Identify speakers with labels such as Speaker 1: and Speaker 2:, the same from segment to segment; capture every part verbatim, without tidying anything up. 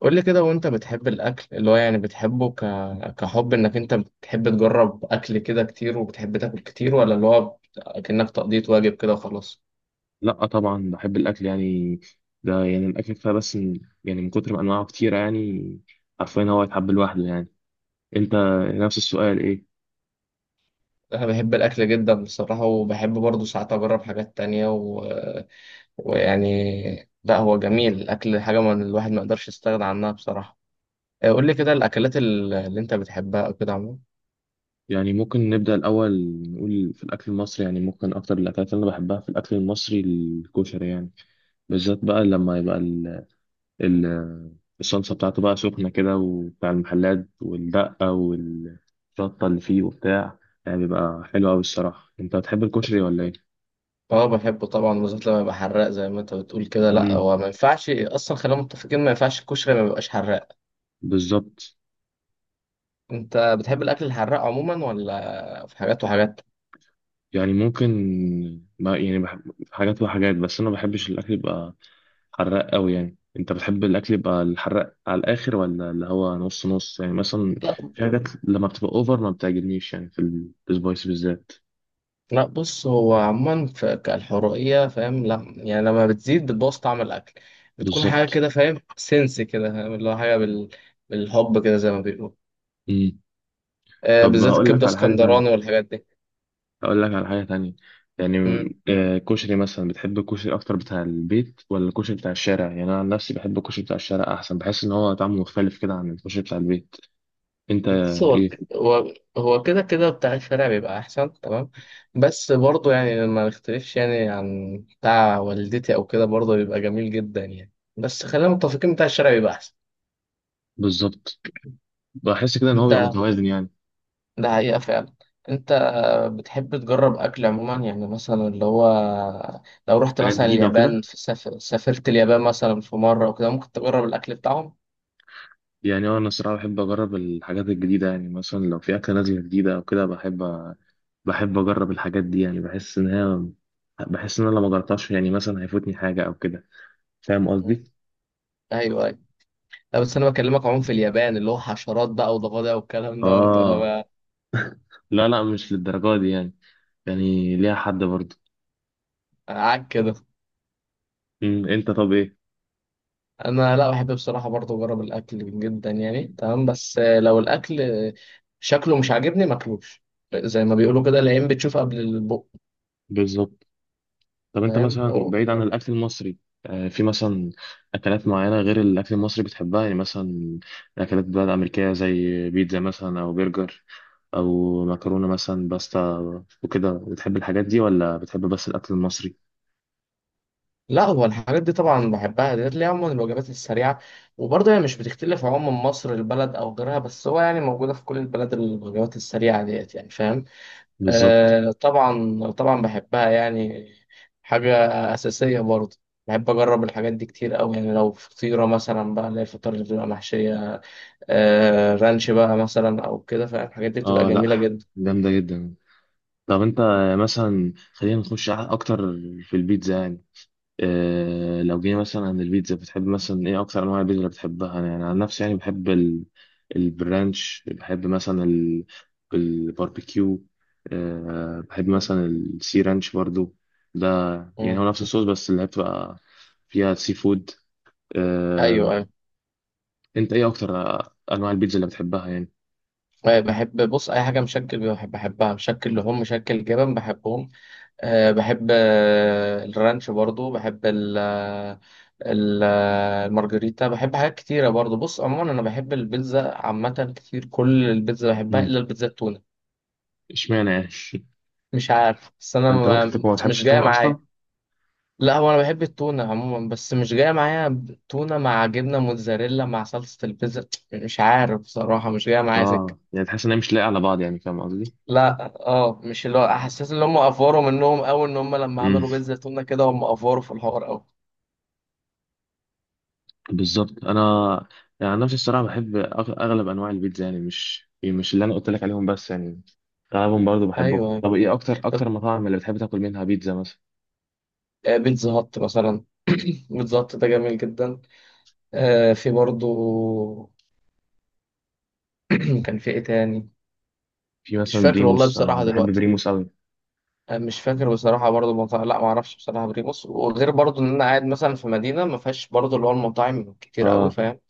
Speaker 1: قول لي كده، وانت بتحب الاكل اللي هو يعني بتحبه ك... كحب انك انت بتحب تجرب اكل كده كتير، وبتحب تاكل كتير، ولا اللي هو بت- كأنك تقضية واجب كده وخلاص.
Speaker 2: لا، طبعا بحب الاكل يعني. ده يعني الاكل كفايه بس من- يعني من كتر ما انواعه كتيره يعني. عارفين هو يتحب لوحده يعني. انت، نفس السؤال ايه؟
Speaker 1: انا بحب الاكل جدا بصراحة، وبحب برضه ساعات اجرب حاجات تانية و... ويعني لا، هو جميل الاكل، حاجة من الواحد ما يقدرش يستغنى عنها بصراحة. آه، قول لي كده الاكلات ال- اللي انت بتحبها او كده عموما.
Speaker 2: يعني ممكن نبدا الاول، نقول في الاكل المصري. يعني ممكن اكتر الاكلات اللي انا بحبها في الاكل المصري الكشري يعني، بالذات بقى لما يبقى ال ال الصلصه بتاعته بقى سخنه كده، وبتاع المحلات والدقه والشطه اللي فيه وبتاع، يعني بيبقى حلو قوي الصراحه. انت بتحب الكشري ولا ايه؟
Speaker 1: اه بحبه طبعا، بالذات لما يبقى حراق زي ما انت بتقول كده. لا
Speaker 2: امم
Speaker 1: هو ما ينفعش اصلا، خلينا متفقين ما ينفعش الكشري ما يبقاش حراق.
Speaker 2: بالظبط.
Speaker 1: انت بتحب الاكل الحراق عموما ولا في حاجات وحاجات؟
Speaker 2: يعني ممكن، ما يعني بحب حاجات وحاجات، بس انا ما بحبش الاكل يبقى حراق قوي. يعني انت بتحب الاكل يبقى الحراق على الاخر، ولا اللي هو نص نص يعني؟ مثلا
Speaker 1: لا
Speaker 2: في حاجات لما بتبقى اوفر ما بتعجبنيش، يعني في السبايس بالذات.
Speaker 1: لا، بص هو عموما في كالحرقيه فاهم، لا يعني لما بتزيد بتبوظ طعم الاكل، بتكون حاجه
Speaker 2: بالظبط.
Speaker 1: كده فاهم، سنس كده فاهم، اللي هو حاجه بال... بالحب كده زي ما بيقولوا.
Speaker 2: امم
Speaker 1: آه
Speaker 2: طب
Speaker 1: بالذات
Speaker 2: هقول لك
Speaker 1: الكبده
Speaker 2: على حاجه
Speaker 1: اسكندراني
Speaker 2: تانية.
Speaker 1: والحاجات دي.
Speaker 2: هقول لك على حاجه تانية، يعني
Speaker 1: مم.
Speaker 2: آه، كشري مثلا. بتحب الكشري اكتر بتاع البيت ولا الكشري بتاع الشارع؟ يعني انا عن نفسي بحب الكشري بتاع الشارع احسن، بحس ان هو طعمه مختلف كده عن الكشري بتاع البيت. انت
Speaker 1: بص هو
Speaker 2: ايه؟
Speaker 1: هو هو كده كده بتاع الشارع بيبقى احسن، تمام. بس برضه يعني ما نختلفش يعني عن بتاع والدتي او كده برضه بيبقى جميل جدا يعني، بس خلينا متفقين بتاع الشارع بيبقى احسن.
Speaker 2: بالظبط. بحس كده ان هو بيبقى
Speaker 1: انت،
Speaker 2: متوازن يعني.
Speaker 1: ده حقيقة فعلا. انت بتحب تجرب اكل عموما، يعني مثلا اللي هو لو رحت
Speaker 2: حاجات
Speaker 1: مثلا
Speaker 2: جديده وكده،
Speaker 1: اليابان، في سافر... سافرت اليابان مثلا في مرة وكده ممكن تجرب الاكل بتاعهم.
Speaker 2: يعني انا الصراحه بحب اجرب الحاجات الجديده. يعني مثلا لو في اكله نازله جديده او كده، بحب أ- بحب اجرب الحاجات دي. يعني بحس ان هي، بحس ان انا لو ما جربتهاش يعني مثلا هيفوتني حاجه او كده. فاهم
Speaker 1: مم.
Speaker 2: قصدي؟
Speaker 1: ايوه ايوه. لا بس انا بكلمك عموما في اليابان، اللي هو حشرات بقى وضفادع والكلام دوت ولا
Speaker 2: اه،
Speaker 1: بقى.
Speaker 2: لا لا مش للدرجه دي يعني، يعني ليها حد برضه.
Speaker 1: عك كده.
Speaker 2: أمم، انت طب ايه؟
Speaker 1: انا لا بحب بصراحة برضه اجرب الاكل جدا يعني تمام، بس لو الاكل شكله مش عاجبني ماكلوش، زي ما بيقولوا كده العين بتشوف قبل البق.
Speaker 2: بالظبط. طب انت
Speaker 1: فاهم.
Speaker 2: مثلا بعيد عن الاكل المصري، آه، في مثلا اكلات معينه غير الاكل المصري بتحبها؟ يعني مثلا اكلات بلاد امريكيه زي بيتزا مثلا، او برجر، او مكرونه مثلا باستا وكده، بتحب الحاجات دي ولا بتحب بس الاكل المصري؟
Speaker 1: لا هو الحاجات دي طبعا بحبها ديت، اللي هي عموما الوجبات السريعة، وبرضه هي مش بتختلف عموما مصر البلد أو غيرها، بس هو يعني موجودة في كل البلد الوجبات السريعة ديت يعني، فاهم.
Speaker 2: بالظبط.
Speaker 1: آه طبعا طبعا بحبها يعني، حاجة أساسية برضه. بحب أجرب الحاجات دي كتير أوي يعني، لو فطيرة مثلا بقى اللي هي الفطار اللي بتبقى محشية، آه رانش بقى مثلا أو كده فاهم، الحاجات دي بتبقى
Speaker 2: اه
Speaker 1: جميلة
Speaker 2: لا،
Speaker 1: جدا.
Speaker 2: جامده جدا. طب انت مثلا، خلينا نخش اكتر في البيتزا يعني. آه، لو جينا مثلا عن البيتزا، بتحب مثلا ايه اكتر انواع البيتزا اللي بتحبها؟ انا يعني عن نفسي يعني بحب ال... البرانش. بحب مثلا ال... الباربيكيو. أه بحب مثلا السي رانش برضو ده، يعني
Speaker 1: مم.
Speaker 2: هو نفس الصوص، بس اللي هي بتبقى فيها سي فود.
Speaker 1: أيوه
Speaker 2: أه.
Speaker 1: أيوه أيوة،
Speaker 2: انت ايه اكتر انواع البيتزا اللي بتحبها يعني؟
Speaker 1: طيب، بحب بص أي حاجة مشكل، بحب بحبها مشكل لحوم، مشكل جبن، بحبهم. أه بحب آه، الرانش برضو، بحب ال آه، ال- آه، المارجريتا بحب حاجات كتيرة برضو. بص عموما أنا بحب البيتزا عامة كتير، كل البيتزا بحبها
Speaker 2: مم.
Speaker 1: إلا البيتزا التونة.
Speaker 2: اشمعنى يعني؟
Speaker 1: مش عارف بس أنا
Speaker 2: انت ممكن
Speaker 1: ما
Speaker 2: تكون ما بتحبش
Speaker 1: مش جاية
Speaker 2: التونه اصلا.
Speaker 1: معايا. لا هو أنا بحب التونة عموما بس مش جاية معايا، تونة مع جبنة موتزاريلا مع صلصة البيتزا، مش عارف بصراحة مش جاية معايا سكة.
Speaker 2: اه، يعني تحس ان هي مش لايقه على بعض، يعني فاهم قصدي.
Speaker 1: لا اه، مش اللي هو حسيت ان هم افوروا منهم قوي، ان هم لما عملوا بيتزا تونه كده هم افوروا في الحوار قوي.
Speaker 2: بالظبط. انا يعني، أنا نفسي الصراحه بحب أغ- اغلب انواع البيتزا يعني، مش مش اللي انا قلت لك عليهم بس، يعني اغلبهم برضو بحبهم.
Speaker 1: ايوه أيوه.
Speaker 2: طب ايه اكتر اكتر
Speaker 1: طب،
Speaker 2: مطاعم اللي بتحب تاكل منها بيتزا مثلا؟
Speaker 1: آه، بيتزا هات مثلا بيتزا هات ده جميل جدا. آه، في برضو كان في ايه تاني.
Speaker 2: في
Speaker 1: مش
Speaker 2: مثلا
Speaker 1: فاكر والله
Speaker 2: بريموس، انا
Speaker 1: بصراحة
Speaker 2: بحب
Speaker 1: دلوقتي.
Speaker 2: بريموس قوي.
Speaker 1: آه، مش فاكر بصراحة برضو مطاعم، لا ما اعرفش بصراحة بريموس، وغير برضو ان انا قاعد مثلا في مدينة ما فيهاش برضو اللي هو المطاعم كتير قوي
Speaker 2: اه.
Speaker 1: فاهم.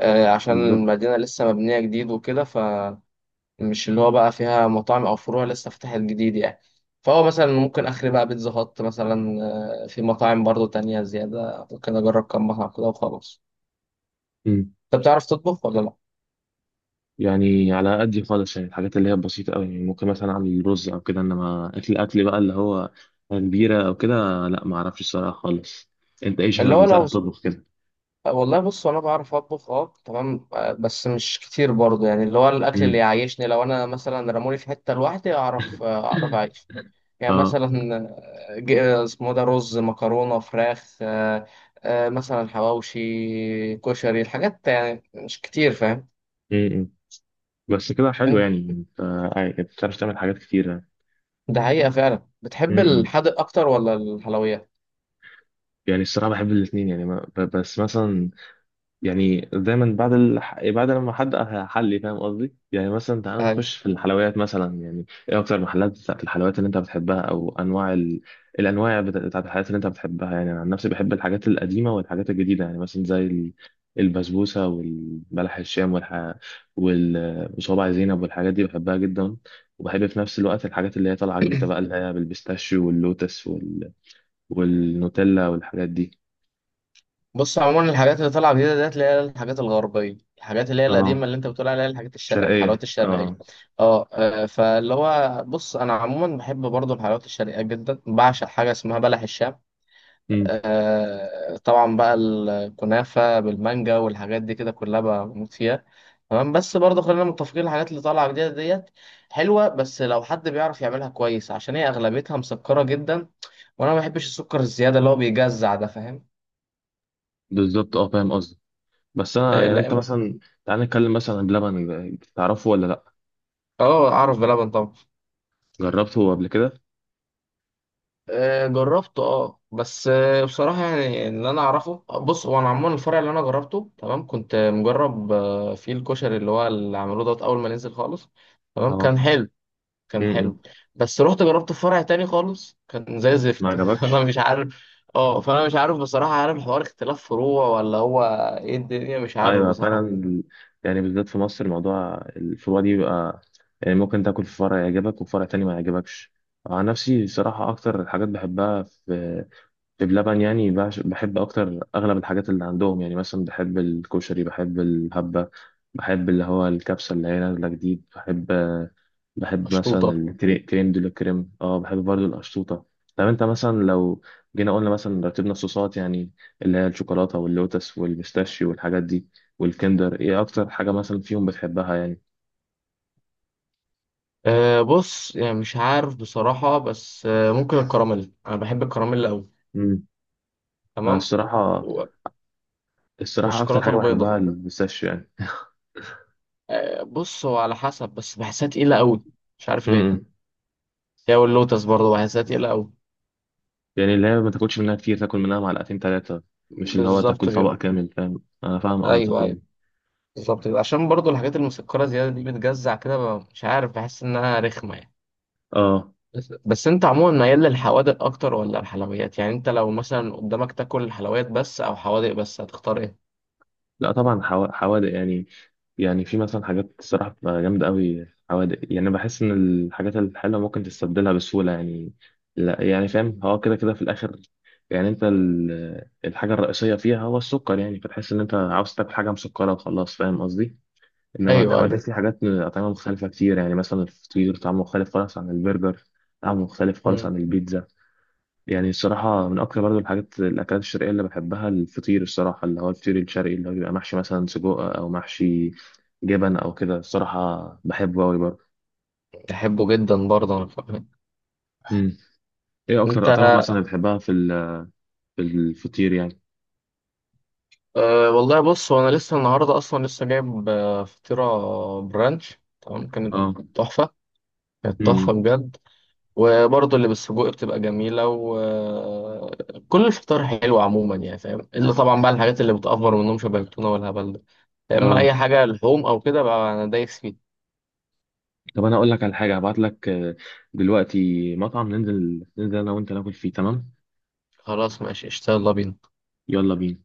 Speaker 1: آه، عشان
Speaker 2: بالظبط.
Speaker 1: المدينة لسه مبنية جديد وكده فمش اللي هو بقى فيها مطاعم او فروع لسه فتحت جديد يعني. فهو مثلا ممكن اخري بقى بيتزا هات مثلا. آه، في مطاعم برضو تانية زيادة ممكن اجرب كم مطعم كده وخلاص.
Speaker 2: أمم.
Speaker 1: انت بتعرف تطبخ ولا لا؟
Speaker 2: يعني على قدي خالص، يعني الحاجات اللي هي بسيطه قوي. يعني ممكن مثلا اعمل رز او كده، انما اكل اكل بقى اللي هو كبيره او كده، لا ما اعرفش الصراحه خالص. انت ايه
Speaker 1: اللي
Speaker 2: شغلك؟
Speaker 1: هو
Speaker 2: بتعرف
Speaker 1: لو
Speaker 2: تطبخ كده؟
Speaker 1: والله بص انا بعرف اطبخ اه تمام، آه، بس مش كتير برضه يعني، اللي هو الاكل اللي
Speaker 2: امم
Speaker 1: يعيشني، لو انا مثلا رموني في حته لوحدي اعرف، آه، اعرف اعيش. يعني
Speaker 2: اه
Speaker 1: مثلا آه، ج- آه، اسمه ده رز مكرونه فراخ، آه، آه، مثلا حواوشي كشري، الحاجات يعني مش كتير فاهم.
Speaker 2: بس كده حلو
Speaker 1: أنت-
Speaker 2: يعني. انت عاي- بتعرف تعمل حاجات كتيرة.
Speaker 1: ده حقيقه فعلا.
Speaker 2: م-
Speaker 1: بتحب
Speaker 2: م.
Speaker 1: الحادق اكتر ولا الحلويات؟
Speaker 2: يعني الصراحة بحب الاتنين يعني، ما ب- بس مثلا يعني دايما بعد الح... بعد لما حد حلي. فاهم قصدي؟ يعني مثلا تعالى نخش في الحلويات مثلا. يعني ايه اكتر محلات بتاعت الحلويات اللي انت بتحبها، او انواع ال... الانواع بتا- بتاعت الحلويات اللي انت بتحبها؟ يعني انا عن نفسي بحب الحاجات القديمه والحاجات الجديده، يعني مثلا زي ال- البسبوسه والبلح الشام والح... وال- وصوابع زينب والحاجات دي، بحبها جدا. وبحب في نفس الوقت الحاجات اللي هي طالعه جديده بقى، اللي هي بالبيستاشيو واللوتس وال... والنوتيلا والحاجات دي.
Speaker 1: بص عموما الحاجات اللي طالعه جديده ديت اللي هي الحاجات الغربيه، الحاجات اللي هي القديمه
Speaker 2: اه
Speaker 1: اللي انت بتقول عليها الحاجات الشرقيه،
Speaker 2: شرقيه،
Speaker 1: الحلويات الشرقيه،
Speaker 2: اه.
Speaker 1: اه آه، فاللي هو بص، انا عموما بحب برضو الحلويات الشرقيه جدا، بعشق حاجه اسمها بلح الشام. آه طبعا بقى الكنافه بالمانجا والحاجات دي كده كلها بموت فيها، تمام. بس برضه خلينا متفقين الحاجات اللي طالعه جديده ديت حلوه، بس لو حد بيعرف يعملها كويس، عشان هي اغلبيتها مسكره جدا، وانا ما بحبش السكر الزياده اللي هو بيجزع ده.
Speaker 2: بالظبط، اه فاهم قصدي. بس انا يعني، انت
Speaker 1: فاهم.
Speaker 2: مثلا، تعال نتكلم مثلا عن بلبن. تعرفه ولا لا؟
Speaker 1: اه اعرف بلبن طبعا.
Speaker 2: جربته قبل كده؟
Speaker 1: آه، جربته اه، بس آه، بصراحه يعني اللي انا اعرفه، بص هو انا عموما الفرع اللي انا جربته تمام، كنت مجرب آه، فيه الكشري اللي هو اللي عملوه دوت اول ما نزل خالص، تمام
Speaker 2: اه.
Speaker 1: كان حلو، كان
Speaker 2: امم
Speaker 1: حلو. بس رحت جربت في فرع تاني خالص كان زي
Speaker 2: ما
Speaker 1: زفت انا
Speaker 2: عجبكش.
Speaker 1: مش عارف. اه فانا مش عارف بصراحه، عارف الحوار اختلاف فروع ولا هو، ايه الدنيا مش عارف
Speaker 2: ايوه فعلا
Speaker 1: بصراحه.
Speaker 2: ال- يعني بالذات في مصر موضوع الفروع دي بيبقى، يعني ممكن تاكل في فرع يعجبك وفرع تاني ما يعجبك. عن نفسي بصراحة أكتر الحاجات بحبها في بلبن، يعني بعش- بحب اكتر اغلب الحاجات اللي عندهم. يعني مثلا بحب الكشري، بحب الهبة، بحب اللي هو الكبسة اللي هي نازلة جديد. بحب بحب مثلا
Speaker 1: اشطوطه.
Speaker 2: الكريم دول، الكريم، اه. بحب برضو القشطوطة. طب انت مثلا لو جينا قلنا مثلا رتبنا الصوصات يعني، اللي هي الشوكولاتة واللوتس والبيستاشيو والحاجات دي والكندر، ايه اكتر حاجة مثلا فيهم بتحبها يعني؟
Speaker 1: أه بص يعني مش عارف بصراحة، بس آه، ممكن الكراميل، أنا بحب الكراميل أوي،
Speaker 2: مم. انا
Speaker 1: تمام
Speaker 2: الصراحة،
Speaker 1: و-
Speaker 2: الصراحة اكتر
Speaker 1: والشوكولاته
Speaker 2: حاجة
Speaker 1: البيضاء.
Speaker 2: بحبها البيستاشيو يعني.
Speaker 1: آه، بص هو على حسب، بس بحسها تقيله قوي، مش عارف
Speaker 2: م-
Speaker 1: ليه،
Speaker 2: م.
Speaker 1: هي واللوتس برضه بحسها تقيله قوي.
Speaker 2: يعني اللي هي ما تاكلش منها كتير، تاكل منها معلقتين ثلاثة، مش اللي هو
Speaker 1: بالظبط
Speaker 2: تاكل
Speaker 1: كده.
Speaker 2: طبق كامل. فاهم؟ انا فاهم قصدك
Speaker 1: ايوه ايوه،
Speaker 2: يعني.
Speaker 1: بالظبط كده، عشان برضه الحاجات المسكره زياده دي بتجزع كده، ب- مش عارف بحس انها رخمه يعني.
Speaker 2: اه
Speaker 1: بس, بس انت عموما ميال للحوادق اكتر ولا الحلويات؟ يعني انت لو مثلا قدامك تاكل الحلويات بس او حوادق بس هتختار ايه؟
Speaker 2: لا طبعا، حوا- حوادق يعني. يعني في مثلا حاجات الصراحة بتبقى جامدة قوي حوادق، يعني بحس ان الحاجات الحلوة ممكن تستبدلها بسهولة. يعني لا يعني فاهم، هو كده كده في الاخر يعني انت ال- الحاجة الرئيسية فيها هو السكر، يعني فتحس ان انت عاوز تاكل حاجة مسكرة وخلاص، فاهم قصدي. انما
Speaker 1: ايوه ايوه.
Speaker 2: الحوادث في حاجات اطعمه مختلفه كتير. يعني مثلا الفطير طعمه مختلف خالص عن البرجر، طعمه مختلف خالص
Speaker 1: مم.
Speaker 2: عن البيتزا. يعني الصراحه من اكتر برضو الحاجات، الاكلات الشرقيه اللي بحبها الفطير الصراحه، اللي هو الفطير الشرقي اللي هو بيبقى محشي مثلا سجق، او محشي جبن او كده، الصراحه بحبه قوي برضه.
Speaker 1: بحبه جدا برضه انا كمان.
Speaker 2: امم ايه
Speaker 1: انت.
Speaker 2: اكتر اطعمه مثلا بتحبها في ال- في الفطير يعني؟
Speaker 1: أه والله بص هو انا لسه النهارده اصلا لسه جايب آه، فطيره برانش، تمام كانت
Speaker 2: اه.
Speaker 1: تحفه، كانت تحفه
Speaker 2: امم.
Speaker 1: بجد. وبرضه اللي بالسجق بتبقى جميله، وكل الفطار حلو عموما يعني فاهم، الا طبعا بقى الحاجات اللي بتأفور منهم شبه التونه والهبل ده. يا اما اي
Speaker 2: اه.
Speaker 1: حاجه لحوم او كده بقى انا دايس فيه.
Speaker 2: طب انا اقول لك على حاجه، هبعت لك آه، دلوقتي مطعم ننزل. ننزل انا وانت ناكل فيه، تمام؟
Speaker 1: خلاص ماشي اشتغل يلا بينا.
Speaker 2: يلا بينا.